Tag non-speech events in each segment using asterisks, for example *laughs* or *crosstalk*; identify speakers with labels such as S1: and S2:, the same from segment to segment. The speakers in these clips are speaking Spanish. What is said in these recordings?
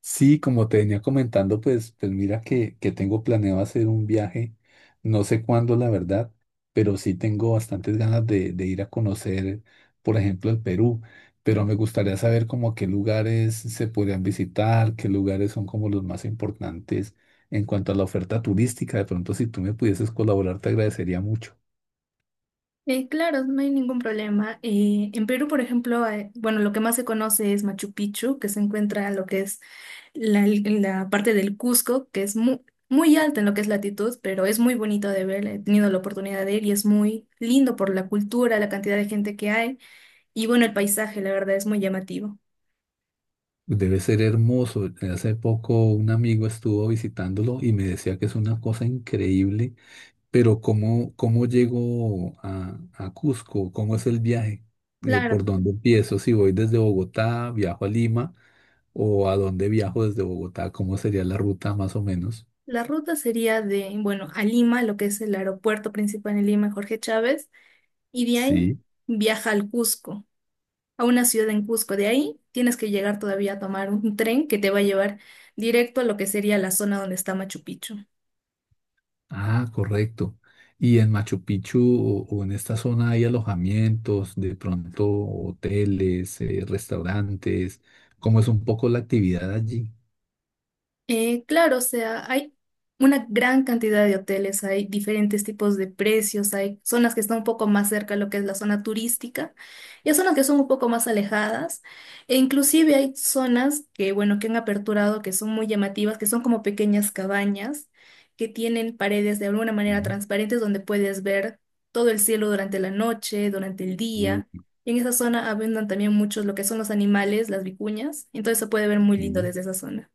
S1: Sí, como te venía comentando, pues mira que tengo planeado hacer un viaje, no sé cuándo la verdad, pero sí tengo bastantes ganas de ir a conocer, por ejemplo, el Perú, pero me gustaría saber como qué lugares se podrían visitar, qué lugares son como los más importantes en cuanto a la oferta turística. De pronto, si tú me pudieses colaborar, te agradecería mucho.
S2: Claro, no hay ningún problema. En Perú, por ejemplo, bueno, lo que más se conoce es Machu Picchu, que se encuentra en lo que es la parte del Cusco, que es muy alta en lo que es latitud, pero es muy bonito de ver. He tenido la oportunidad de ir y es muy lindo por la cultura, la cantidad de gente que hay y bueno, el paisaje, la verdad, es muy llamativo.
S1: Debe ser hermoso. Hace poco un amigo estuvo visitándolo y me decía que es una cosa increíble. Pero ¿cómo, cómo llego a Cusco? ¿Cómo es el viaje?
S2: Claro,
S1: ¿Por dónde empiezo? Si voy desde Bogotá, viajo a Lima, o a dónde viajo desde Bogotá, ¿cómo sería la ruta más o menos?
S2: la ruta sería de, bueno, a Lima, lo que es el aeropuerto principal en Lima, Jorge Chávez, y de ahí
S1: Sí.
S2: viaja al Cusco, a una ciudad en Cusco. De ahí tienes que llegar todavía a tomar un tren que te va a llevar directo a lo que sería la zona donde está Machu Picchu.
S1: Ah, correcto. ¿Y en Machu Picchu o en esta zona hay alojamientos, de pronto hoteles, restaurantes? ¿Cómo es un poco la actividad allí?
S2: Claro, o sea, hay una gran cantidad de hoteles, hay diferentes tipos de precios, hay zonas que están un poco más cerca de lo que es la zona turística y hay zonas que son un poco más alejadas. E inclusive hay zonas que, bueno, que han aperturado, que son muy llamativas, que son como pequeñas cabañas, que tienen paredes de alguna
S1: Sí,
S2: manera transparentes donde puedes ver todo el cielo durante la noche, durante el día.
S1: uh,
S2: Y en esa zona abundan también muchos lo que son los animales, las vicuñas, entonces se puede ver muy lindo
S1: sí.
S2: desde esa zona.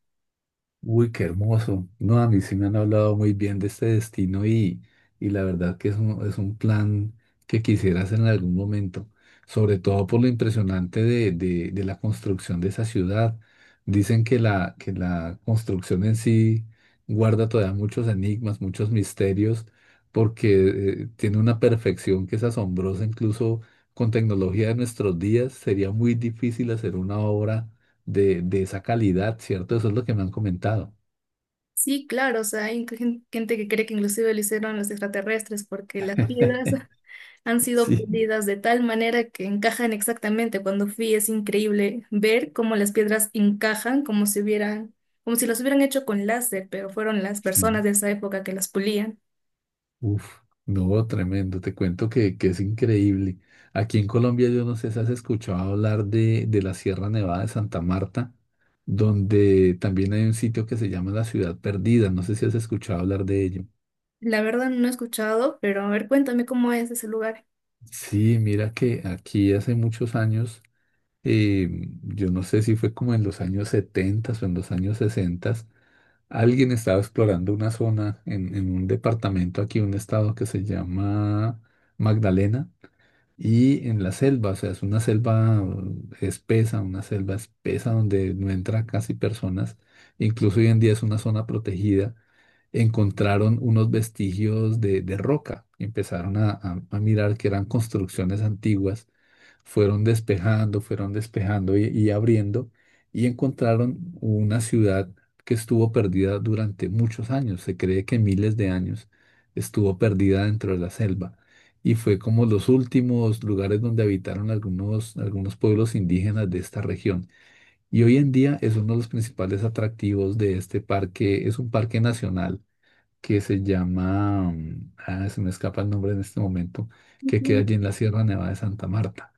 S1: Uy, qué hermoso. No, a mí sí me han hablado muy bien de este destino y la verdad que es un plan que quisieras en algún momento, sobre todo por lo impresionante de, de la construcción de esa ciudad. Dicen que la construcción en sí guarda todavía muchos enigmas, muchos misterios, porque tiene una perfección que es asombrosa, incluso con tecnología de nuestros días, sería muy difícil hacer una obra de esa calidad, ¿cierto? Eso es lo que me han comentado.
S2: Sí, claro, o sea, hay gente que cree que inclusive lo hicieron los extraterrestres porque las piedras *laughs* han sido
S1: Sí.
S2: pulidas de tal manera que encajan exactamente. Cuando fui es increíble ver cómo las piedras encajan como si hubieran, como si las hubieran hecho con láser, pero fueron las
S1: Sí.
S2: personas de esa época que las pulían.
S1: Uf, no, tremendo. Te cuento que es increíble. Aquí en Colombia, yo no sé si has escuchado hablar de la Sierra Nevada de Santa Marta, donde también hay un sitio que se llama la Ciudad Perdida. No sé si has escuchado hablar de ello.
S2: La verdad no he escuchado, pero a ver, cuéntame cómo es ese lugar.
S1: Sí, mira que aquí hace muchos años, eh, yo no sé si fue como en los años 70 o en los años 60. Alguien estaba explorando una zona en un departamento aquí, un estado que se llama Magdalena, y en la selva, o sea, es una selva espesa, una selva espesa donde no entra casi personas, incluso hoy en día es una zona protegida. Encontraron unos vestigios de roca, empezaron a, a mirar que eran construcciones antiguas, fueron despejando y abriendo, y encontraron una ciudad que estuvo perdida durante muchos años, se cree que miles de años estuvo perdida dentro de la selva. Y fue como los últimos lugares donde habitaron algunos, algunos pueblos indígenas de esta región. Y hoy en día es uno de los principales atractivos de este parque. Es un parque nacional que se llama, se me escapa el nombre en este momento, que queda
S2: Ujú,
S1: allí en la Sierra Nevada de Santa Marta.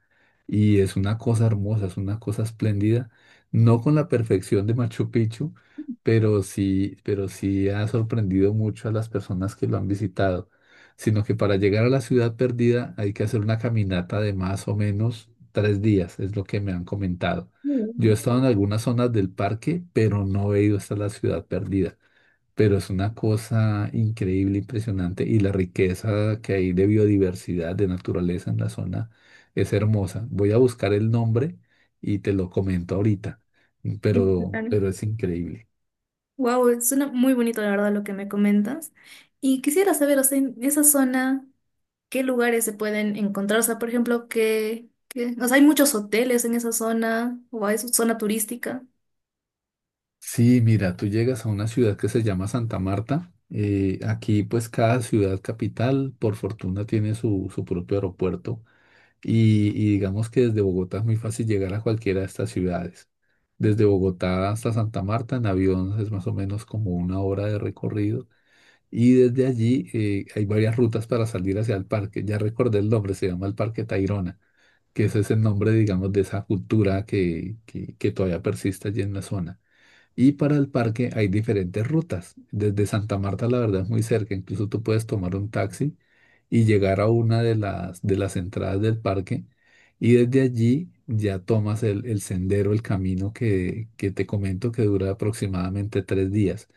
S1: Y es una cosa hermosa, es una cosa espléndida, no con la perfección de Machu Picchu, pero sí ha sorprendido mucho a las personas que lo han visitado. Sino que para llegar a la ciudad perdida hay que hacer una caminata de más o menos tres días, es lo que me han comentado. Yo he
S2: muy
S1: estado en algunas zonas del parque, pero no he ido hasta la ciudad perdida, pero es una cosa increíble, impresionante, y la riqueza que hay de biodiversidad, de naturaleza en la zona es hermosa. Voy a buscar el nombre y te lo comento ahorita,
S2: bien.
S1: pero es increíble.
S2: Wow, suena muy bonito la verdad lo que me comentas. Y quisiera saber, o sea, en esa zona qué lugares se pueden encontrar. O sea, por ejemplo, o sea, ¿hay muchos hoteles en esa zona o hay su zona turística?
S1: Sí, mira, tú llegas a una ciudad que se llama Santa Marta. Aquí pues cada ciudad capital, por fortuna, tiene su, su propio aeropuerto. Y digamos que desde Bogotá es muy fácil llegar a cualquiera de estas ciudades. Desde Bogotá hasta Santa Marta en avión es más o menos como una hora de recorrido. Y desde allí hay varias rutas para salir hacia el parque. Ya recordé el nombre, se llama el Parque Tayrona, que ese es el nombre, digamos, de esa cultura que todavía persiste allí en la zona. Y para el parque hay diferentes rutas. Desde Santa Marta, la verdad, es muy cerca. Incluso tú puedes tomar un taxi y llegar a una de las entradas del parque. Y desde allí ya tomas el sendero, el camino que te comento que dura aproximadamente tres días.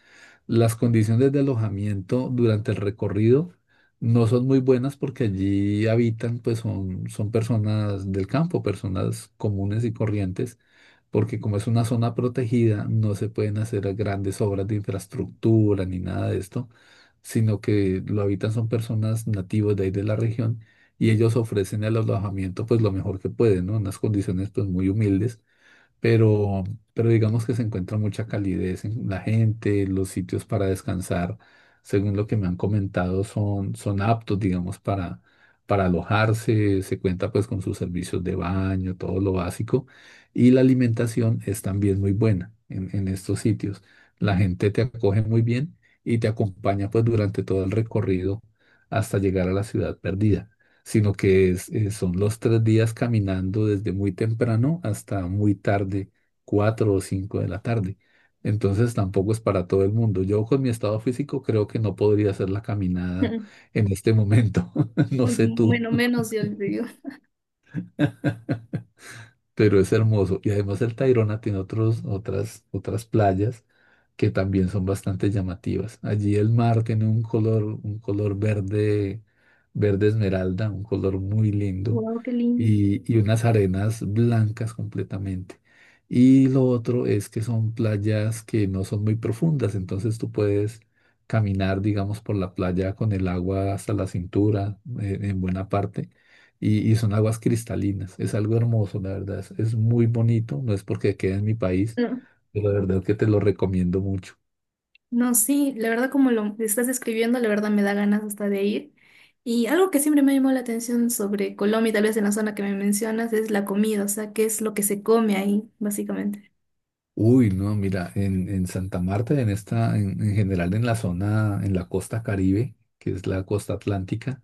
S1: Las condiciones de alojamiento durante el recorrido no son muy buenas porque allí habitan, pues son, son personas del campo, personas comunes y corrientes, porque como es una zona protegida, no se pueden hacer grandes obras de infraestructura ni nada de esto, sino que lo habitan son personas nativas de ahí de la región, y ellos ofrecen el alojamiento pues lo mejor que pueden, ¿no? Unas condiciones pues muy humildes, pero, pero digamos que se encuentra mucha calidez en la gente, los sitios para descansar, según lo que me han comentado, son, son aptos, digamos, para alojarse, se cuenta pues con sus servicios de baño, todo lo básico, y la alimentación es también muy buena en estos sitios. La gente te acoge muy bien y te acompaña pues durante todo el recorrido hasta llegar a la ciudad perdida, sino que son los tres días caminando desde muy temprano hasta muy tarde, cuatro o cinco de la tarde. Entonces tampoco es para todo el mundo. Yo con mi estado físico creo que no podría hacer la caminada
S2: *laughs*
S1: en este momento. *laughs* No sé tú.
S2: Bueno, menos yo le digo.
S1: Pero es hermoso. Y además el Tayrona tiene otros, otras, otras playas que también son bastante llamativas. Allí el mar tiene un color verde, verde esmeralda, un color muy lindo,
S2: Wow, qué lindo.
S1: y unas arenas blancas completamente. Y lo otro es que son playas que no son muy profundas, entonces tú puedes caminar, digamos, por la playa con el agua hasta la cintura, en buena parte, y son aguas cristalinas. Es algo hermoso, la verdad. Es muy bonito. No es porque quede en mi país,
S2: No,
S1: pero la verdad que te lo recomiendo mucho.
S2: no, sí, la verdad como lo estás escribiendo, la verdad me da ganas hasta de ir. Y algo que siempre me llamó la atención sobre Colombia, y tal vez en la zona que me mencionas, es la comida, o sea, qué es lo que se come ahí, básicamente.
S1: Uy, no, mira, en Santa Marta, en esta, en general en la zona, en la costa Caribe, que es la costa atlántica,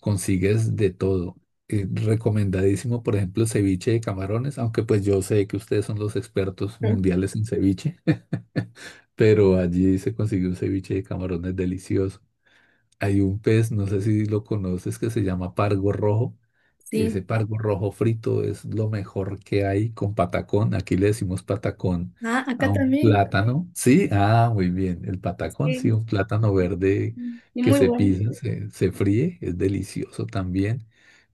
S1: consigues de todo. Recomendadísimo, por ejemplo, ceviche de camarones, aunque pues yo sé que ustedes son los expertos
S2: Mm.
S1: mundiales en ceviche, *laughs* pero allí se consigue un ceviche de camarones delicioso. Hay un pez, no sé si lo conoces, que se llama pargo rojo. Ese
S2: Sí.
S1: pargo rojo frito es lo mejor que hay con patacón. Aquí le decimos patacón
S2: Ah,
S1: a
S2: acá
S1: un
S2: también.
S1: plátano. Sí, ah, muy bien. El patacón, sí,
S2: Sí.
S1: un plátano verde
S2: Y
S1: que
S2: muy
S1: se
S2: bueno.
S1: pisa, se fríe, es delicioso también.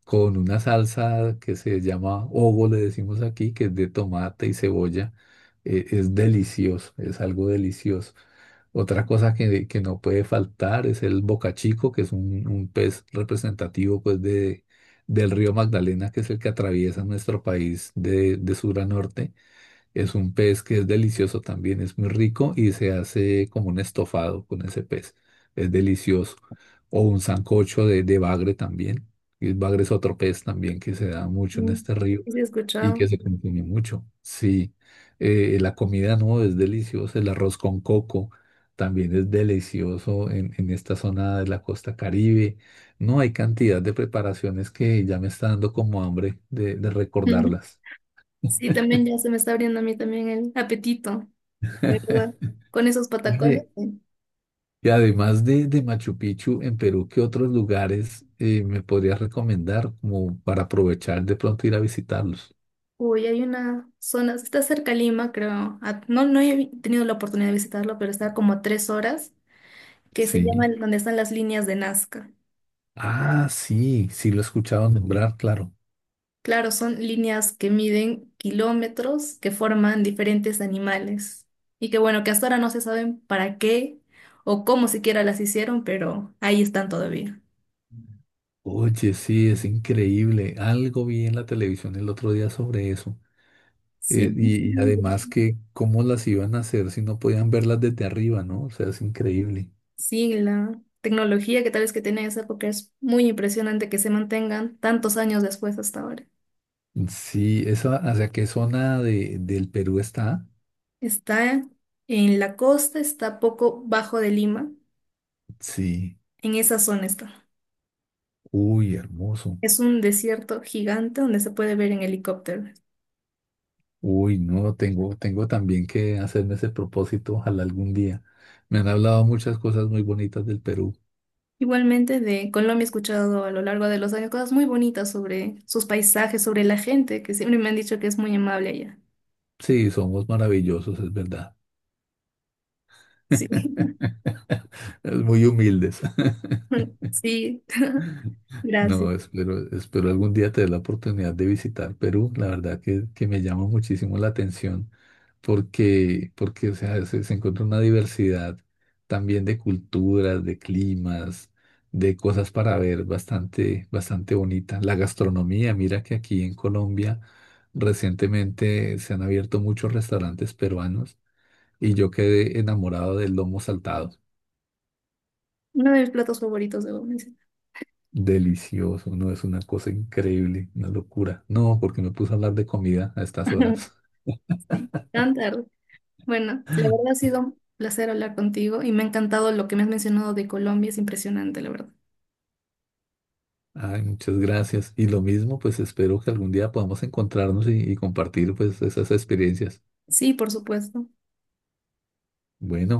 S1: Con una salsa que se llama ovo, le decimos aquí, que es de tomate y cebolla. Es delicioso, es algo delicioso. Otra cosa que no puede faltar es el bocachico, que es un pez representativo pues, de, del río Magdalena, que es el que atraviesa nuestro país de sur a norte. Es un pez que es delicioso también, es muy rico y se hace como un estofado con ese pez. Es delicioso. O un sancocho de bagre también. Y el bagre es otro pez también que se da mucho en
S2: Sí,
S1: este río
S2: sí he
S1: y
S2: escuchado.
S1: que se consume mucho. Sí, la comida no es deliciosa. El arroz con coco también es delicioso en esta zona de la costa Caribe. No hay cantidad de preparaciones que ya me está dando como hambre de
S2: *laughs*
S1: recordarlas.
S2: Sí, también ya se me está abriendo a mí también el apetito, la verdad. Con
S1: *laughs*
S2: esos patacones,
S1: Oye,
S2: sí.
S1: y además de Machu Picchu, en Perú, ¿qué otros lugares me podrías recomendar como para aprovechar de pronto ir a visitarlos?
S2: Uy, hay una zona, está cerca de Lima, creo. A- no, no he tenido la oportunidad de visitarlo, pero está como a 3 horas, que se llama
S1: Sí.
S2: el- donde están las líneas de Nazca.
S1: Ah, sí, sí lo he escuchado nombrar, claro.
S2: Claro, son líneas que miden kilómetros, que forman diferentes animales. Y que bueno, que hasta ahora no se saben para qué o cómo siquiera las hicieron, pero ahí están todavía.
S1: Oye, sí, es increíble. Algo vi en la televisión el otro día sobre eso.
S2: Sí.
S1: Y, y además que cómo las iban a hacer si no podían verlas desde arriba, ¿no? O sea, es increíble.
S2: Sí, la tecnología que tal vez que tenía esa época es muy impresionante que se mantengan tantos años después hasta ahora.
S1: Sí, esa, ¿hacia qué zona de, del Perú está?
S2: Está en la costa, está poco bajo de Lima,
S1: Sí.
S2: en esa zona está.
S1: Uy, hermoso.
S2: Es un desierto gigante donde se puede ver en helicóptero.
S1: Uy, no, tengo, tengo también que hacerme ese propósito, ojalá algún día. Me han hablado muchas cosas muy bonitas del Perú.
S2: Igualmente de Colombia he escuchado a lo largo de los años cosas muy bonitas sobre sus paisajes, sobre la gente, que siempre me han dicho que es muy amable allá.
S1: Sí, somos maravillosos, es verdad.
S2: Sí,
S1: *laughs* Es muy humildes. *laughs*
S2: *laughs* sí, gracias.
S1: No, espero, espero algún día tener la oportunidad de visitar Perú. La verdad que me llama muchísimo la atención, porque, porque o sea, se encuentra una diversidad también de culturas, de climas, de cosas para ver bastante, bastante bonita. La gastronomía, mira que aquí en Colombia recientemente se han abierto muchos restaurantes peruanos y yo quedé enamorado del lomo saltado.
S2: Uno de mis platos favoritos, debo mencionar.
S1: Delicioso, no es una cosa increíble, una locura. No, porque me puse a hablar de comida a estas
S2: *laughs*
S1: horas.
S2: Sí, tan. Bueno, la verdad ha
S1: *laughs*
S2: sido un placer hablar contigo y me ha encantado lo que me has mencionado de Colombia, es impresionante, la verdad.
S1: Ay, muchas gracias. Y lo mismo, pues espero que algún día podamos encontrarnos y compartir pues esas experiencias.
S2: Sí, por supuesto.
S1: Bueno.